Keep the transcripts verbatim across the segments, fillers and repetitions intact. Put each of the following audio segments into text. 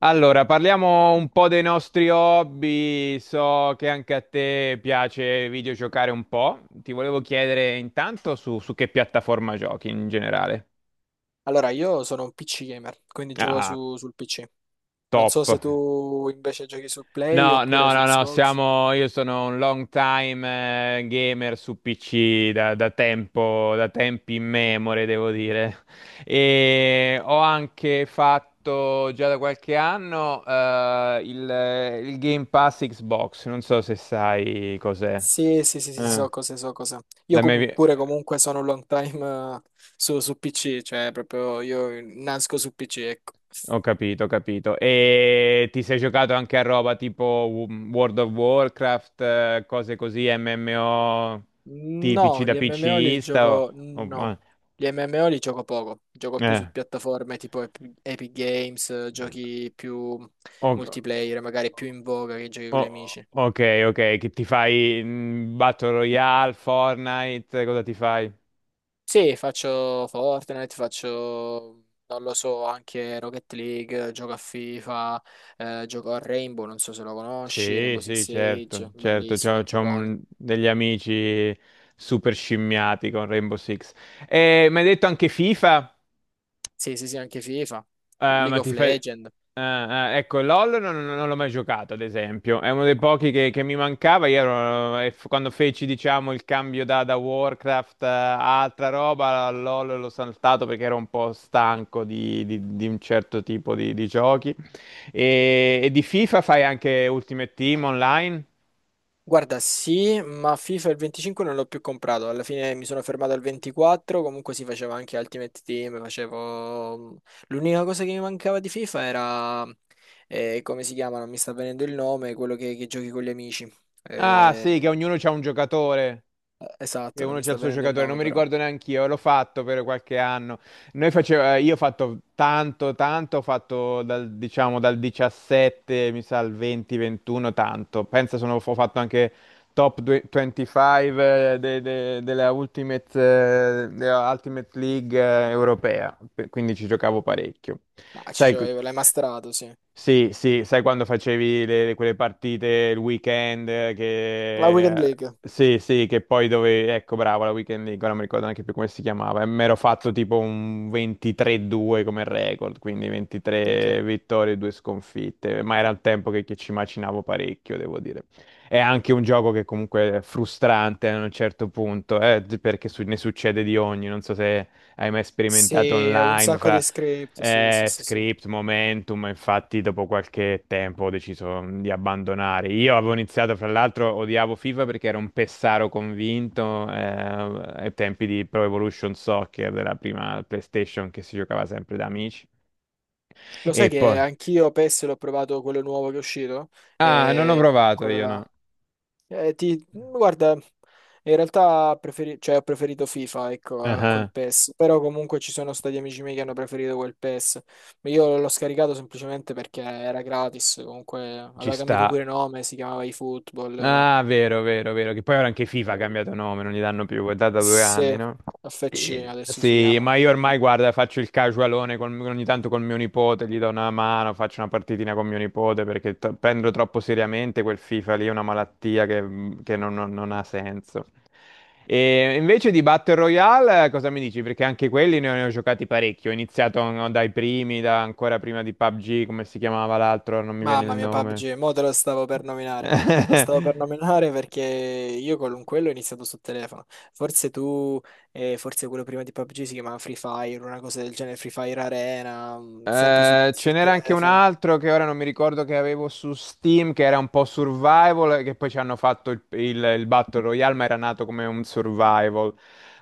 Allora, parliamo un po' dei nostri hobby. So che anche a te piace videogiocare un po'. Ti volevo chiedere intanto su, su che piattaforma giochi in generale. Allora, io sono un P C gamer, quindi gioco Ah, su- sul P C. Non so top. se tu invece giochi su Play No, oppure no, su no, no, Xbox. siamo, io sono un long time eh, gamer su P C da, da tempo, da tempi immemore, devo dire. E ho anche fatto già da qualche anno eh, il, il Game Pass Xbox, non so se sai cos'è. Sì, sì, sì, sì, so Eh, cose, so cose. Io la com- mia... Pure comunque sono un long time eh, su, su P C, cioè proprio io nasco su P C, ecco. Ho capito, ho capito. E ti sei giocato anche a roba tipo W- World of Warcraft, eh, cose così, M M O tipici No, da gli M M O li PCista? O, gioco... o- no. ma- Gli M M O li gioco poco, gioco più su eh, piattaforme tipo Ep- Epic Games, eh, giochi più o- multiplayer, magari più in voga che giochi con gli o- amici. ok, ok, che ti fai mm, Battle Royale, Fortnite, cosa ti fai? Sì, faccio Fortnite, faccio, non lo so, anche Rocket League, gioco a FIFA, eh, gioco a Rainbow, non so se lo conosci, Sì, Rainbow Six sì, certo, Siege, certo, bellissimo, c'ho, un c'ho, giocone. mm, degli amici super scimmiati con Rainbow Six. E mi hai detto anche FIFA? Sì, sì, sì, anche FIFA, Eh, League ma of ti fai... Legends. eh, eh, ecco, LOL non, non- non l'ho mai giocato, ad esempio. È uno dei pochi che, che mi mancava. Io ero- e f- Quando feci, diciamo, il cambio da, da Warcraft eh, a altra roba, LOL l'ho saltato perché ero un po' stanco di, di- di un certo tipo di, di giochi. E, e di FIFA fai anche Ultimate Team online? Guarda, sì, ma FIFA il venticinque non l'ho più comprato, alla fine mi sono fermato al ventiquattro, comunque si faceva anche Ultimate Team, facevo... mm, l'unica cosa che mi mancava di FIFA era, eh, come si chiama, non mi sta venendo il nome, quello che che giochi con gli amici. Ah, sì, che Eh, ognuno c'ha un giocatore. Eh, E Esatto, non uno mi c'è sta il suo venendo il giocatore, non nome mi però. ricordo neanche io, l'ho fatto per qualche anno. Noi faceva, eh, io ho fatto tanto, tanto, ho fatto dal, diciamo, dal diciassette, mi sa, al venti ventuno, tanto. Pensa, sono, ho fatto anche top due- venticinque eh, de- de- della Ultimate, eh, della Ultimate League eh, europea, Pe- quindi ci giocavo parecchio. Ah, ci Sai, giovevo, l'hai masterato, sì. sì, sì, sai quando facevi le- quelle partite il weekend eh, La che... Weekend eh, League. Sì, sì, che poi dove... Ecco, bravo, la weekend league, ora non mi ricordo neanche più come si chiamava. E mi ero fatto tipo un ventitré a due come record, quindi Minchia. ventitré vittorie e due sconfitte. Ma era il tempo che, che ci macinavo parecchio, devo dire. È anche un gioco che comunque è frustrante a un certo punto, eh, perché su- ne succede di ogni, non so se hai mai sperimentato Sì, un online sacco di fra script, sì, sì, eh, sì, sì. script, momentum, ma infatti dopo qualche tempo ho deciso mm, di abbandonare. Io avevo iniziato, fra l'altro, odiavo FIFA perché ero un pessaro convinto eh, ai tempi di Pro Evolution Soccer, della prima PlayStation che si giocava sempre da amici. Lo sai E che poi... anch'io PES l'ho provato quello nuovo che è uscito? Ah, non ho E provato quello io, no. là. Eh, ti... Guarda, in realtà preferi- cioè, ho preferito FIFA, ecco, a quel Ah, PES. Però comunque ci sono stati amici miei che hanno preferito quel PES. Ma io l'ho scaricato semplicemente perché era gratis, comunque ci aveva cambiato sta. pure nome, si chiamava eFootball. Ah, vero, vero, vero. Che poi ora anche FIFA ha cambiato nome, non gli danno più, è da due anni, Sì, no? F C Eh, adesso si sì, chiama. ma io ormai, guarda, faccio il casualone con- ogni tanto con mio nipote, gli do una mano, faccio una partitina con mio nipote perché t- prendo troppo seriamente quel FIFA lì, è una malattia che, mhmm, che non, non- non ha senso. E invece di Battle Royale, eh, cosa mi dici? Perché anche quelli ne ho, ne ho giocati parecchi. Ho iniziato no, dai primi, da, ancora prima di PUBG, come si chiamava l'altro, non mi viene il Mamma mia, nome. PUBG, mo te lo stavo per nominare. Te lo stavo per nominare perché io con quello ho iniziato sul telefono. Forse tu, eh, Forse quello prima di PUBG si chiamava Free Fire, una cosa del genere, Free Fire Arena, mm, sempre su, Eh, su Ce n'era anche un telefono. altro che ora non mi ricordo che avevo su Steam, che era un po' survival, e che poi ci hanno fatto il, il- il Battle Royale, ma era nato come un survival.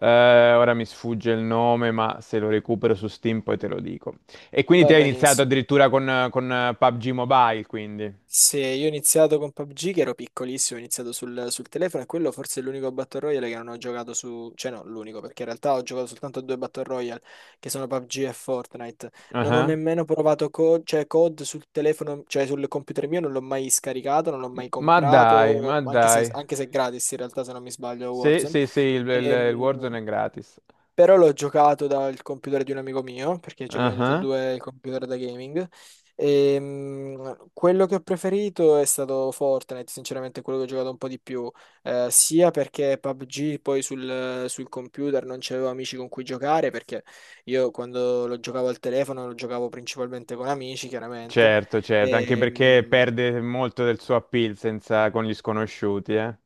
Eh, ora mi sfugge il nome, ma se lo recupero su Steam poi te lo dico. E quindi te Va hai iniziato benissimo. addirittura con, eh, con, eh, PUBG Mobile, quindi. Se io ho iniziato con PUBG, che ero piccolissimo, ho iniziato sul, sul telefono e quello forse è l'unico Battle Royale che non ho giocato su... Cioè no, l'unico, perché in realtà ho giocato soltanto a due Battle Royale, che sono PUBG e Fortnite. Non ho Ah, nemmeno provato co- cioè, COD sul telefono, cioè sul computer mio, non l'ho mai scaricato, non l'ho mai ma dai, ma comprato, anche dai. se, anche se è gratis in realtà, se non mi sbaglio, Sì, Warzone. sì, sì, il, il- il Ehm, Warzone è gratis. Però l'ho giocato dal computer di un amico mio, perché ci abbiamo tutti e Ah. due il computer da gaming. E, mm, quello che ho preferito è stato Fortnite, sinceramente quello che ho giocato un po' di più, eh, sia perché PUBG poi sul, sul computer non c'avevo amici con cui giocare, perché io quando lo giocavo al telefono lo giocavo principalmente con amici, chiaramente. Certo, certo, anche E, perché mm, perde molto del suo appeal senza, con gli sconosciuti, eh.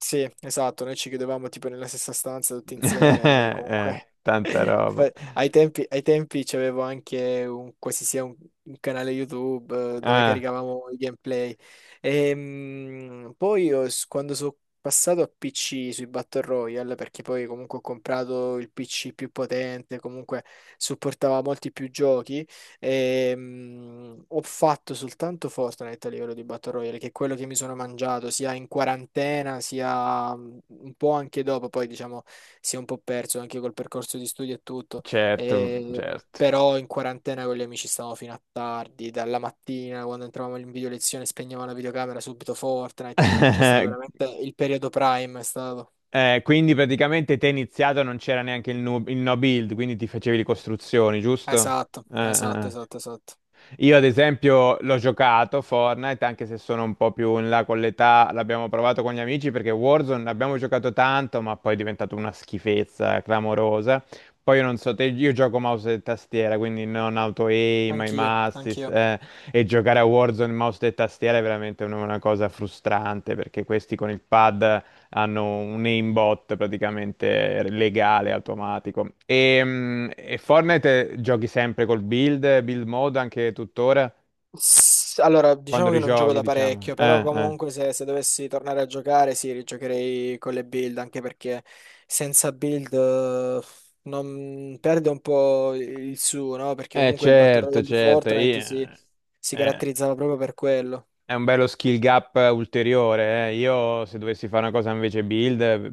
Sì, esatto, noi ci chiudevamo tipo nella stessa stanza tutti insieme e Eh, comunque Tanta roba. fa- ai tempi, ai tempi c'avevo anche un, quasi sia un, un canale YouTube eh, dove Ah, caricavamo i gameplay. Ehm, poi io s- quando sono passato a P C sui Battle Royale, perché poi comunque ho comprato il P C più potente, comunque supportava molti più giochi. Ehm, ho fatto soltanto Fortnite a livello di Battle Royale, che è quello che mi sono mangiato sia in quarantena, sia mm, un po' anche dopo, poi diciamo si è un po' perso anche col percorso di studio e tutto. certo, Eh, certo. Però in quarantena con gli amici stavamo fino a tardi, dalla mattina quando entravamo in video lezione spegnevamo la videocamera subito Fortnite, c'è stato veramente il periodo prime, è stato. Eh, quindi praticamente te iniziato non c'era neanche il, nu- il no build, quindi ti facevi le costruzioni, giusto? Esatto, Ah, ah, esatto, ah. esatto, esatto. Io ad esempio l'ho giocato Fortnite, anche se sono un po' più in là con l'età, l'abbiamo provato con gli amici perché Warzone l'abbiamo giocato tanto, ma poi è diventato una schifezza eh, clamorosa. Poi io non so te, io gioco mouse e tastiera, quindi non auto aim, aim Anch'io, assist, anch'io. eh, e giocare a Warzone mouse e tastiera è veramente una una cosa frustrante perché questi con il pad hanno un aimbot praticamente legale, automatico. E, mh, e Fortnite eh, giochi sempre col build, build mode anche tuttora, S- Allora, quando diciamo che non gioco rigiochi, da diciamo. parecchio, però Eh, eh. comunque se, se dovessi tornare a giocare, sì, rigiocherei con le build, anche perché senza build eh, non- perde un po' il suo, no? Perché Eh, comunque il Battle Certo, Royale di certo. Fortnite si, eh, si eh, caratterizzava proprio per quello. è un bello skill gap ulteriore. eh. Io se dovessi fare una cosa invece build, eh,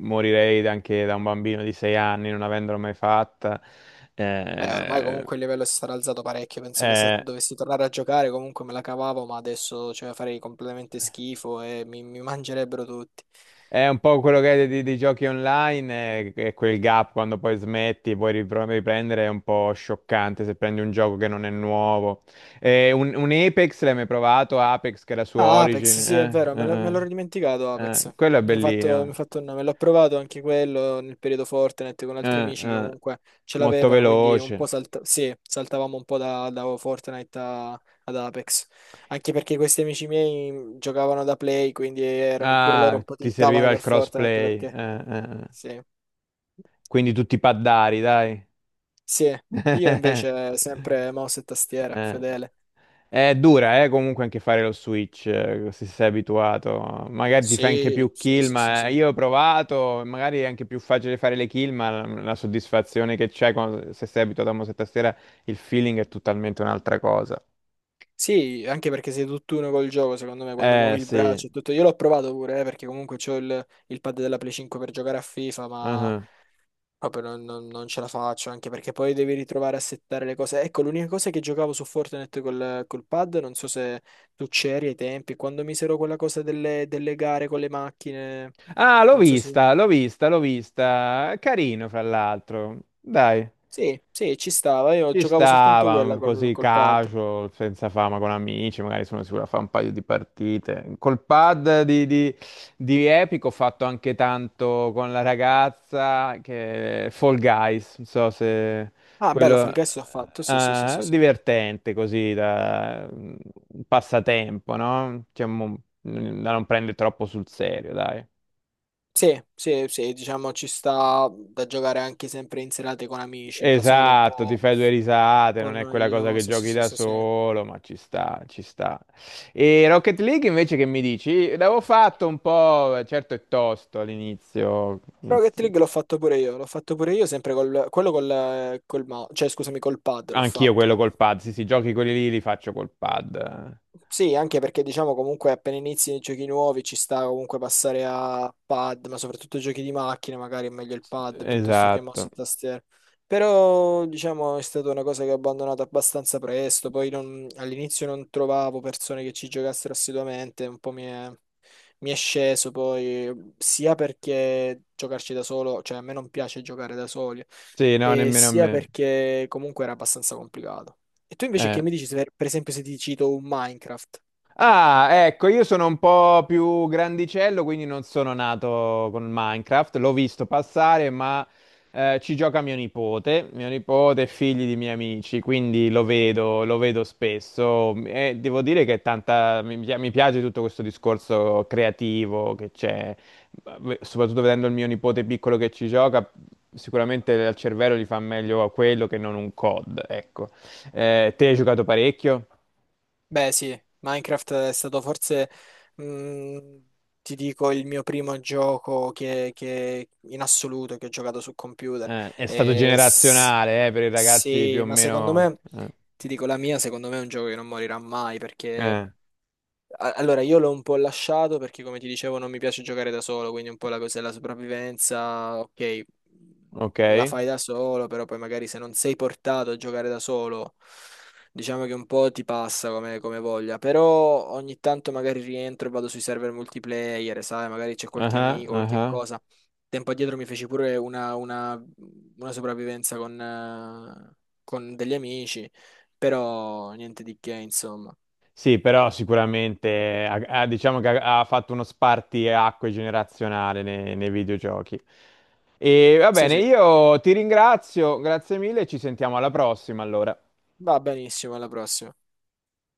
morirei anche da un bambino di sei anni, non avendolo mai fatta. Beh, ormai Eh, comunque il livello si sarà alzato parecchio, penso che se eh, dovessi tornare a giocare comunque me la cavavo, ma adesso cioè, farei completamente schifo e mi mi mangerebbero tutti. È un po' quello che è di- dei giochi online, eh, che quel gap quando poi smetti, poi ripro- riprendere è un po' scioccante se prendi un gioco che non è nuovo. Eh, un, un Apex l'hai mai provato? Apex che era su Ah, Origin? Apex, sì, è Eh, vero, eh, me l'ho me l'ero eh. dimenticato Eh, Apex. Quello è Mi ha fatto, mi ha bellino. fatto un nome, l'ho provato anche quello nel periodo Fortnite con altri Eh, amici che eh. comunque ce Molto l'avevano, quindi un po' veloce. salta- sì, saltavamo un po' da, da Fortnite a- ad Apex. Anche perché questi amici miei giocavano da Play, quindi erano pure loro Ah, un po' ti tiltavano serviva il per Fortnite crossplay. perché... Eh, eh, eh. Sì, Quindi tutti paddari, dai. sì, io invece sempre mouse e tastiera, Eh. fedele. È dura, eh, comunque anche fare lo Switch, eh, se sei abituato. Magari ti fai anche Sì, più sì, kill, sì, sì, ma sì. io ho provato, magari è anche più facile fare le kill, ma la, la soddisfazione che c'è quando- se sei abituato a mouse e tastiera, il feeling è totalmente un'altra cosa. Sì, anche perché sei tutt'uno col gioco, secondo me, quando Eh, muovi il sì. braccio e tutto. Io l'ho provato pure, eh, perché comunque c'ho il, il pad della Play cinque per giocare a FIFA, ma Uh-huh. proprio non, non- non ce la faccio, anche perché poi devi ritrovare a settare le cose. Ecco, l'unica cosa è che giocavo su Fortnite col, col pad, non so se tu c'eri ai tempi, quando misero quella cosa delle, delle gare con le macchine, Ah, l'ho non so se... vista, l'ho vista, l'ho vista. Carino, fra l'altro. Dai. Sì, sì, ci stava, io Ci giocavo soltanto quella stava col, così col pad. casual, senza fama, con amici, magari sono sicuro a fare un paio di partite. Col pad di, di, di Epic ho fatto anche tanto con la ragazza che Fall Guys, non so se Ah, bello, quello Fall Guys ho fatto, sì, sì, sì, sì, eh, sì. divertente così da un passatempo, no? Cioè, mo- mm, da non prendere troppo sul serio, dai. Sì, sì, sì, diciamo ci sta da giocare anche sempre in serate con amici, da solo un Esatto, ti po', fai due un risate, po' non è quella cosa che noioso, sì, giochi sì, da sì, sì. solo, ma ci sta, ci sta. E Rocket League invece che mi dici? L'avevo fatto un po', certo è tosto all'inizio, Rocket inizi- League l'ho fatto pure io, l'ho fatto pure io sempre col, quello col, col mouse, cioè scusami, col pad l'ho anch'io fatto. quello col pad, sì sì, giochi quelli lì li faccio col pad. Sì, anche perché diciamo comunque appena inizi nei giochi nuovi ci sta comunque passare a pad, ma soprattutto giochi di macchina, magari è meglio il pad piuttosto che mouse Esatto. e tastiera. Però diciamo è stata una cosa che ho abbandonato abbastanza presto, poi non- all'inizio non trovavo persone che ci giocassero assiduamente, un po' mi è, mi è sceso poi, sia perché giocarci da solo, cioè a me non piace giocare da soli, Sì, no, e nemmeno a sia me. perché comunque era abbastanza complicato. E tu invece che Eh. mi dici, se, per esempio, se ti cito un Minecraft? Ah, ecco, io sono un po' più grandicello, quindi non sono nato con Minecraft, l'ho visto passare, ma eh, ci gioca mio nipote, mio nipote è figlio di miei amici, quindi lo vedo, lo vedo spesso e devo dire che è tanta, mi, pi- mi piace tutto questo discorso creativo che c'è, soprattutto vedendo il mio nipote piccolo che ci gioca, sicuramente al cervello gli fa meglio quello che non un COD, ecco. Eh, te hai giocato parecchio? Beh, sì, Minecraft è stato forse, mh, ti dico, il mio primo gioco che, che- in assoluto che ho giocato su computer. Eh, è stato E s- generazionale, eh, per i ragazzi più o sì, ma secondo meno. me, Eh, ti dico, la mia, secondo me è un gioco che non morirà mai perché eh, A- allora, io l'ho un po' lasciato perché, come ti dicevo, non mi piace giocare da solo, quindi un po' la cosa della sopravvivenza, ok, ok. la fai da solo, però poi magari se non sei portato a giocare da solo, diciamo che un po' ti passa come, come voglia, però ogni tanto magari rientro e vado sui server multiplayer, sai, magari c'è qualche Ah, amico, qualche ah. cosa. Tempo addietro mi feci pure una, una- una sopravvivenza con, eh, con degli amici, però niente di che, insomma. Sì, però sicuramente eh, ha- ha- diciamo che ha, ha fatto uno spartiacque generazionale nei, nei videogiochi. E va Sì, bene, sì. io ti ringrazio, grazie mille, ci sentiamo alla prossima allora. Va benissimo, alla prossima.